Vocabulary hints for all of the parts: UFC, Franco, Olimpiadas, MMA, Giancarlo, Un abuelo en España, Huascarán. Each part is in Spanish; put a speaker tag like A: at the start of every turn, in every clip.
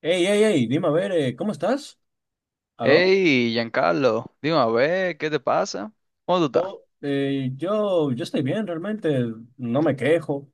A: Hey, hey, hey, dime a ver, ¿cómo estás? ¿Aló?
B: Hey, Giancarlo, dime a ver, ¿qué te pasa? ¿Cómo tú estás?
A: Yo estoy bien, realmente, no me quejo.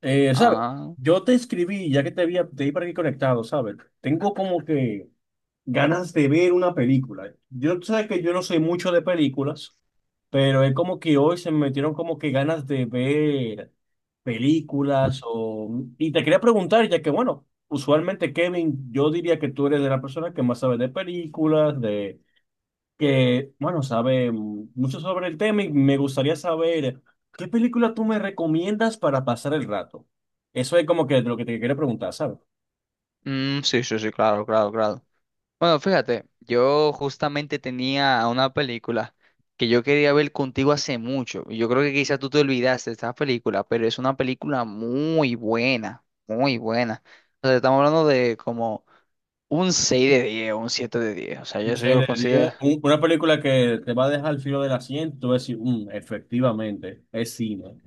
A: ¿Sabes?
B: Ah,
A: Yo te escribí, ya que te vi por aquí conectado, ¿sabes? Tengo como que ganas de ver una película. Yo, tú sabes que yo no soy mucho de películas, pero es como que hoy se me metieron como que ganas de ver películas o... Y te quería preguntar, ya que, bueno, usualmente, Kevin, yo diría que tú eres de la persona que más sabe de películas, de que, bueno, sabe mucho sobre el tema y me gustaría saber qué película tú me recomiendas para pasar el rato. Eso es como que lo que te quiero preguntar, ¿sabes?
B: mm, sí, sí, sí, claro, claro, claro. Bueno, fíjate, yo justamente tenía una película que yo quería ver contigo hace mucho, y yo creo que quizás tú te olvidaste de esta película, pero es una película muy buena, muy buena. O sea, estamos hablando de como un 6 de 10, un 7 de 10. O sea,
A: Un
B: yo eso yo
A: 6
B: lo
A: de
B: considero.
A: diez, una película que te va a dejar al filo del asiento. Tú vas a decir, "Mm, efectivamente, es cine".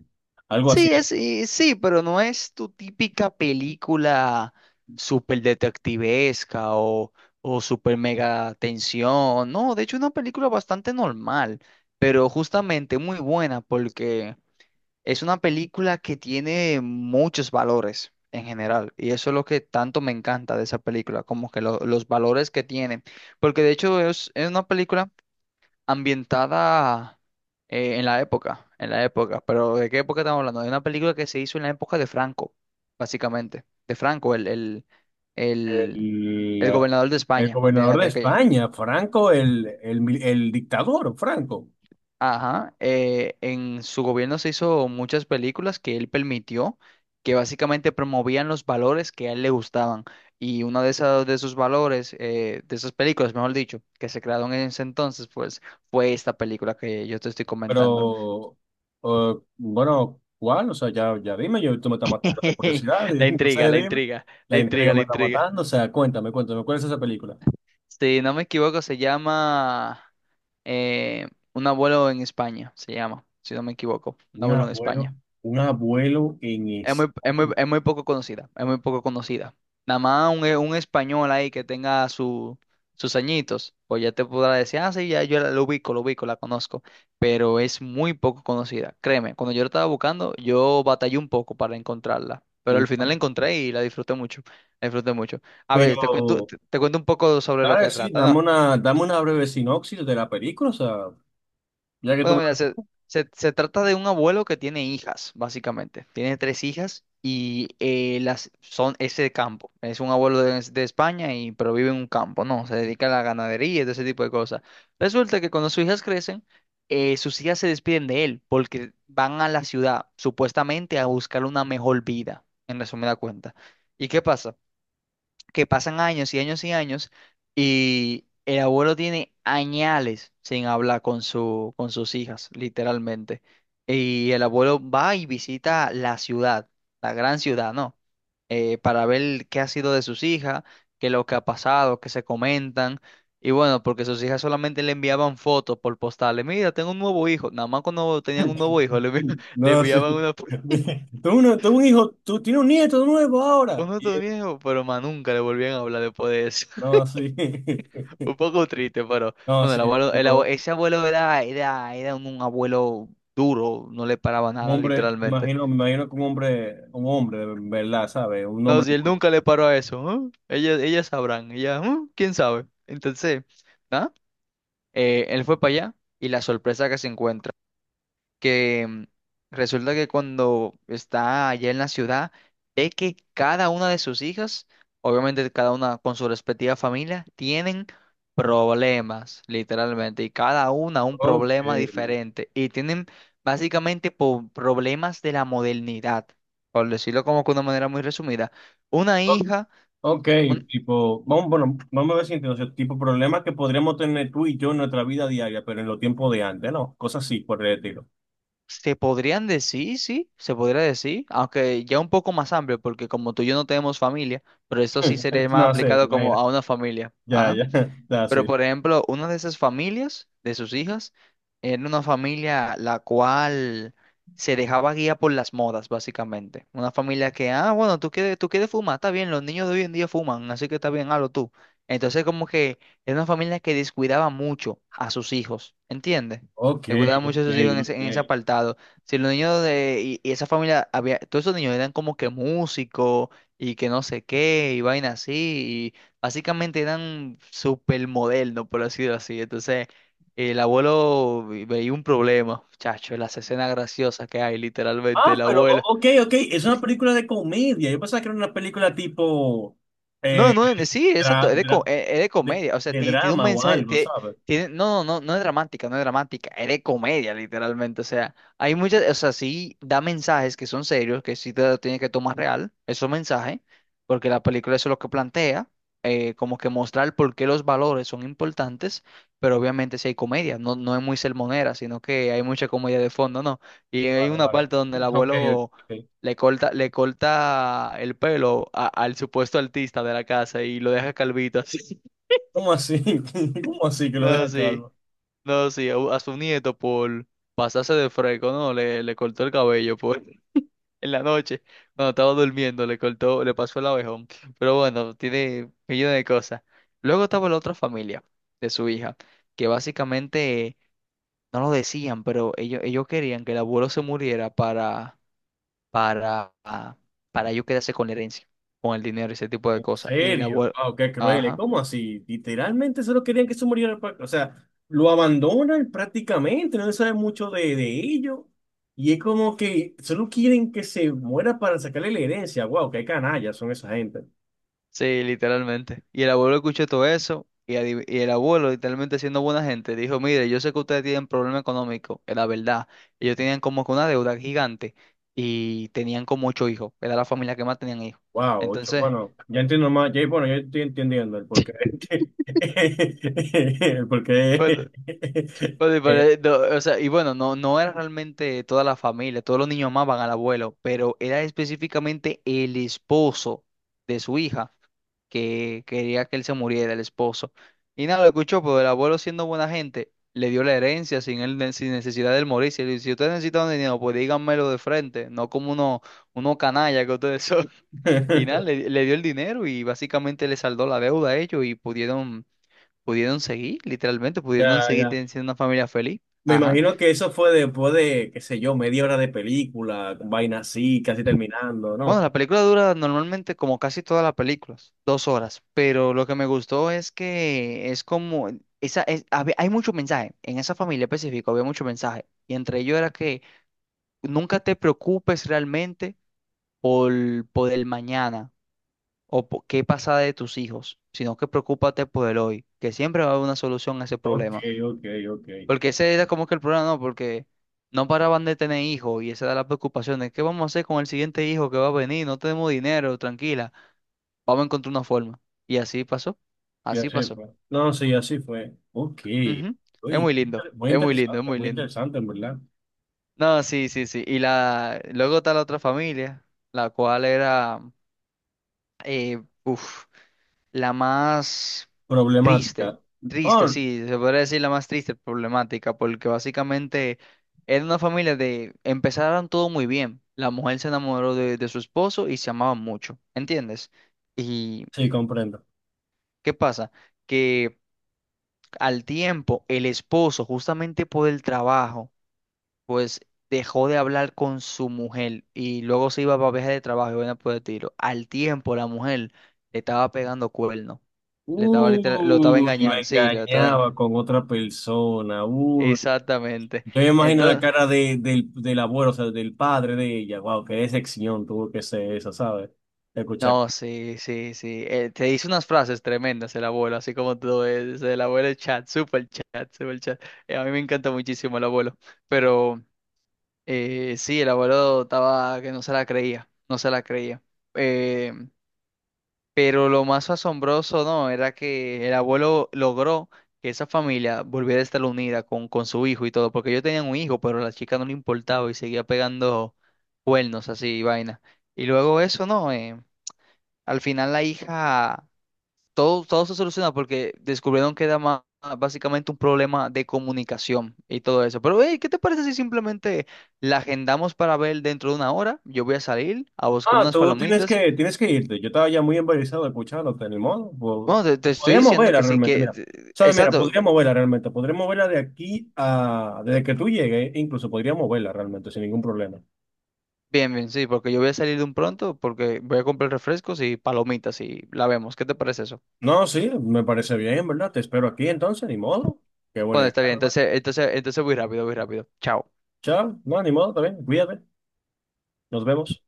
A: Algo así,
B: Sí,
A: ¿eh?
B: es, y sí, pero no es tu típica película súper detectivesca o súper mega tensión. No, de hecho, es una película bastante normal, pero justamente muy buena porque es una película que tiene muchos valores en general. Y eso es lo que tanto me encanta de esa película, como que los valores que tiene. Porque de hecho, es una película ambientada en la época, Pero ¿de qué época estamos hablando? De una película que se hizo en la época de Franco, básicamente. De Franco, el, el
A: El,
B: gobernador de
A: el
B: España,
A: gobernador
B: de
A: de
B: aquella.
A: España, Franco, el dictador, Franco.
B: Ajá. En su gobierno se hizo muchas películas que él permitió, que básicamente promovían los valores que a él le gustaban. Y uno de esos, valores, de esas películas, mejor dicho, que se crearon en ese entonces, pues fue esta película que yo te estoy comentando.
A: Pero, bueno, ¿cuál? O sea, ya dime, yo, tú me estás matando la curiosidad, y
B: La
A: no
B: intriga,
A: sé,
B: la
A: dime.
B: intriga, la
A: La intriga
B: intriga,
A: me
B: la
A: está
B: intriga.
A: matando, o sea, cuéntame, ¿cuál es esa película?
B: Si no me equivoco, se llama eh, Un abuelo en España, se llama, si no me equivoco, Un
A: Un
B: abuelo en
A: abuelo,
B: España.
A: un abuelo en
B: Es muy, es muy,
A: España.
B: es muy poco conocida, es muy poco conocida. Nada más un español ahí que tenga su, sus añitos, pues ya te podrá decir, ah, sí, ya yo la, lo ubico, la conozco, pero es muy poco conocida. Créeme, cuando yo la estaba buscando, yo batallé un poco para encontrarla, pero al
A: Un-
B: final la encontré y la disfruté mucho, la disfruté mucho. A ver,
A: Pero,
B: te cuento, te cuento un poco sobre lo
A: claro,
B: que
A: sí,
B: trata, ¿no?
A: dame una breve sinopsis de la película, o sea, ya que tú
B: Bueno,
A: me...
B: mira, se trata de un abuelo que tiene hijas, básicamente. Tiene tres hijas y las son ese campo. Es un abuelo de España y pero vive en un campo, ¿no? Se dedica a la ganadería y todo ese tipo de cosas. Resulta que cuando sus hijas crecen, sus hijas se despiden de él porque van a la ciudad, supuestamente a buscar una mejor vida, en resumida cuenta. ¿Y qué pasa? Que pasan años y años y años y el abuelo tiene añales sin hablar con su, con sus hijas, literalmente. Y el abuelo va y visita la ciudad, la gran ciudad, ¿no? Para ver qué ha sido de sus hijas, qué lo que ha pasado, qué se comentan. Y bueno, porque sus hijas solamente le enviaban fotos por postales. Mira, tengo un nuevo hijo. Nada más cuando tenían un nuevo hijo, le
A: No,
B: enviaban
A: sí.
B: una foto.
A: Tú, tú un hijo, tú tienes un nieto nuevo
B: "Con
A: ahora. Y
B: otro
A: él,
B: viejo", pero más nunca le volvían a hablar después de eso.
A: no, sí.
B: Un poco triste, pero
A: No,
B: bueno,
A: sí,
B: el
A: un
B: abuelo,
A: poco.
B: ese abuelo era un abuelo duro, no le paraba
A: Un
B: nada,
A: hombre,
B: literalmente.
A: me imagino que un hombre, de verdad, ¿sabes? Un
B: No,
A: hombre
B: si él
A: duro.
B: nunca le paró a eso, ¿eh? Ellas sabrán, ellas, ¿eh? ¿Quién sabe? Entonces, ¿no? Él fue para allá y la sorpresa que se encuentra. Que resulta que cuando está allá en la ciudad, ve que cada una de sus hijas, obviamente cada una con su respectiva familia, tienen problemas, literalmente, y cada una un
A: Ok.
B: problema diferente, y tienen básicamente problemas de la modernidad, por decirlo como que de una manera muy resumida. Una
A: O-
B: hija...
A: ok, tipo, vamos, bueno, vamos a ver si entiendo, o sea, tipo, problemas que podríamos tener tú y yo en nuestra vida diaria, pero en los tiempos de antes, ¿no? Cosas así, por el estilo.
B: Se podrían decir, sí, se podría decir, aunque ya un poco más amplio, porque como tú y yo no tenemos familia, pero eso sí sería más
A: No sé,
B: aplicado como
A: vaya,
B: a una familia.
A: ya,
B: Ajá.
A: ya, está
B: Pero,
A: así.
B: por ejemplo, una de esas familias, de sus hijas, era una familia la cual se dejaba guía por las modas, básicamente. Una familia que, ah, bueno, tú quieres, fumar, está bien, los niños de hoy en día fuman, así que está bien, hazlo tú. Entonces, como que era una familia que descuidaba mucho a sus hijos, ¿entiendes?
A: Ok,
B: Descuidaba
A: ok,
B: mucho a sus hijos en ese,
A: ok.
B: apartado. Si los niños de, y esa familia, había, todos esos niños eran como que músicos y que no sé qué, y vaina así, básicamente eran supermodernos, por decirlo así. Entonces, el abuelo veía un problema, chacho, las escenas graciosas que hay, literalmente,
A: Ah,
B: el
A: pero,
B: abuelo.
A: ok, ok, es una película de comedia. Yo pensaba que era una película tipo,
B: No,
A: eh,
B: no, no, sí, exacto,
A: dra-
B: es de,
A: dra-
B: es de comedia, o sea,
A: de
B: tiene, un
A: drama o
B: mensaje,
A: algo, ¿sabes?
B: tiene, no, no, no, no es dramática, no es dramática, es de comedia, literalmente, o sea, hay muchas, o sea, sí da mensajes que son serios, que sí te lo tienes que tomar real, esos mensajes, porque la película eso es lo que plantea, como que mostrar por qué los valores son importantes, pero obviamente sí hay comedia, no, no es muy sermonera, sino que hay mucha comedia de fondo, ¿no? Y hay
A: Vale,
B: una
A: vale.
B: parte donde el
A: Ok,
B: abuelo
A: ok.
B: le corta el pelo al supuesto artista de la casa y lo deja calvito así.
A: ¿Cómo así? ¿Cómo así que lo
B: No,
A: deja
B: sí,
A: calvo?
B: no, sí, a su nieto por pasarse de fresco, no, le cortó el cabello por, en la noche, cuando estaba durmiendo, le cortó, le pasó el abejón. Pero bueno, tiene millones de cosas. Luego estaba la otra familia de su hija, que básicamente no lo decían, pero ellos querían que el abuelo se muriera para para yo quedarse con la herencia, con el dinero ese tipo de
A: ¿En
B: cosas. Y el
A: serio?
B: abuelo,
A: Wow, qué cruel.
B: ajá,
A: ¿Cómo así? Literalmente solo querían que se muriera o sea, lo abandonan prácticamente, no se sabe mucho de ello. Y es como que solo quieren que se muera para sacarle la herencia. Wow, qué canallas son esa gente.
B: sí, literalmente. Y el abuelo escuchó todo eso y el abuelo, literalmente siendo buena gente, dijo, mire, yo sé que ustedes tienen problema económico, es la verdad. Ellos tenían como que una deuda gigante y tenían como ocho hijos, era la familia que más tenían hijos.
A: Wow, ocho.
B: Entonces...
A: Bueno, ya entiendo más. Ya, bueno, yo estoy entendiendo el porqué. El porqué.
B: Oye, pero, no, o sea, y bueno, no, no era realmente toda la familia, todos los niños amaban al abuelo, pero era específicamente el esposo de su hija que quería que él se muriera, el esposo. Y nada, lo escuchó, pero el abuelo siendo buena gente, le dio la herencia sin él, sin necesidad de él morirse. Y le dijo, si ustedes necesitan dinero, pues díganmelo de frente, no como uno, uno canalla que ustedes son. Y nada, le dio el dinero y básicamente le saldó la deuda a ellos y pudieron seguir, literalmente, pudieron
A: Ya,
B: seguir
A: ya.
B: siendo una familia feliz.
A: Me
B: Ajá.
A: imagino que eso fue después de, qué sé yo, media hora de película, con vaina así, casi terminando,
B: Bueno,
A: ¿no?
B: la película dura normalmente como casi todas las películas, 2 horas, pero lo que me gustó es que es como, hay mucho mensaje, en esa familia específica había mucho mensaje, y entre ellos era que nunca te preocupes realmente por, el mañana o por qué pasa de tus hijos, sino que preocúpate por el hoy, que siempre va a haber una solución a ese
A: Ok,
B: problema.
A: ok, ok.
B: Porque ese era como que el problema, ¿no? Porque no paraban de tener hijos y esa era la preocupación de qué vamos a hacer con el siguiente hijo que va a venir, no tenemos dinero, tranquila, vamos a encontrar una forma. Y así pasó,
A: Y
B: así
A: así
B: pasó.
A: fue. No, sí, así fue. Ok.
B: Ujú. Es
A: Oye,
B: muy lindo, es muy lindo, es muy
A: muy
B: lindo.
A: interesante, en verdad.
B: No, sí, sí, sí. Y la, luego está la otra familia, la cual era, eh, uf, la más triste,
A: Problemática.
B: triste,
A: Oh,
B: sí, se podría decir la más triste problemática, porque básicamente era una familia de, empezaron todo muy bien. La mujer se enamoró de, su esposo y se amaban mucho, ¿entiendes? ¿Y
A: sí, comprendo.
B: qué pasa? Que al tiempo el esposo, justamente por el trabajo, pues dejó de hablar con su mujer y luego se iba para viaje de trabajo y bueno, por el tiro. Al tiempo la mujer le estaba pegando cuernos. Lo estaba
A: Uy, lo
B: engañando, sí,
A: engañaba con otra persona. Uy.
B: Exactamente.
A: Yo me imagino la
B: Entonces,
A: cara del, del abuelo, o sea, del padre de ella. Wow, qué decepción tuvo que ser esa, ¿sabes? Escuchar...
B: no, sí, sí, sí. Te dice unas frases tremendas el abuelo, así como tú, es el abuelo el chat, super chat, super chat. A mí me encanta muchísimo el abuelo, pero sí, el abuelo estaba que no se la creía, no se la creía. Eh, Pero lo más asombroso, ¿no? Era que el abuelo logró que esa familia volviera a estar unida con, su hijo y todo, porque ellos tenían un hijo, pero a la chica no le importaba y seguía pegando cuernos así y vaina. Y luego eso, ¿no? Al final la hija, todo se solucionó porque descubrieron que era más, básicamente un problema de comunicación y todo eso. Pero, hey, ¿qué te parece si simplemente la agendamos para ver dentro de 1 hora? Yo voy a salir a buscar
A: Ah,
B: unas palomitas.
A: tienes que irte. Yo estaba ya muy embarazado escuchándote, ni modo.
B: Bueno, te estoy
A: Podríamos
B: diciendo
A: verla
B: que sí,
A: realmente,
B: que...
A: mira. ¿Sabes? Mira,
B: Exacto,
A: podríamos verla realmente. Podríamos verla de aquí a... Desde que tú llegues, incluso podríamos verla realmente sin ningún problema.
B: bien, bien, sí, porque yo voy a salir de un pronto, porque voy a comprar refrescos y palomitas y la vemos. ¿Qué te parece eso?
A: No, sí, me parece bien, ¿verdad? Te espero aquí entonces, ni modo. Qué buena
B: Bueno,
A: idea,
B: está bien,
A: hermano.
B: entonces voy rápido, voy rápido. Chao.
A: Chao. No, ni modo, está bien. Cuídate. Nos vemos.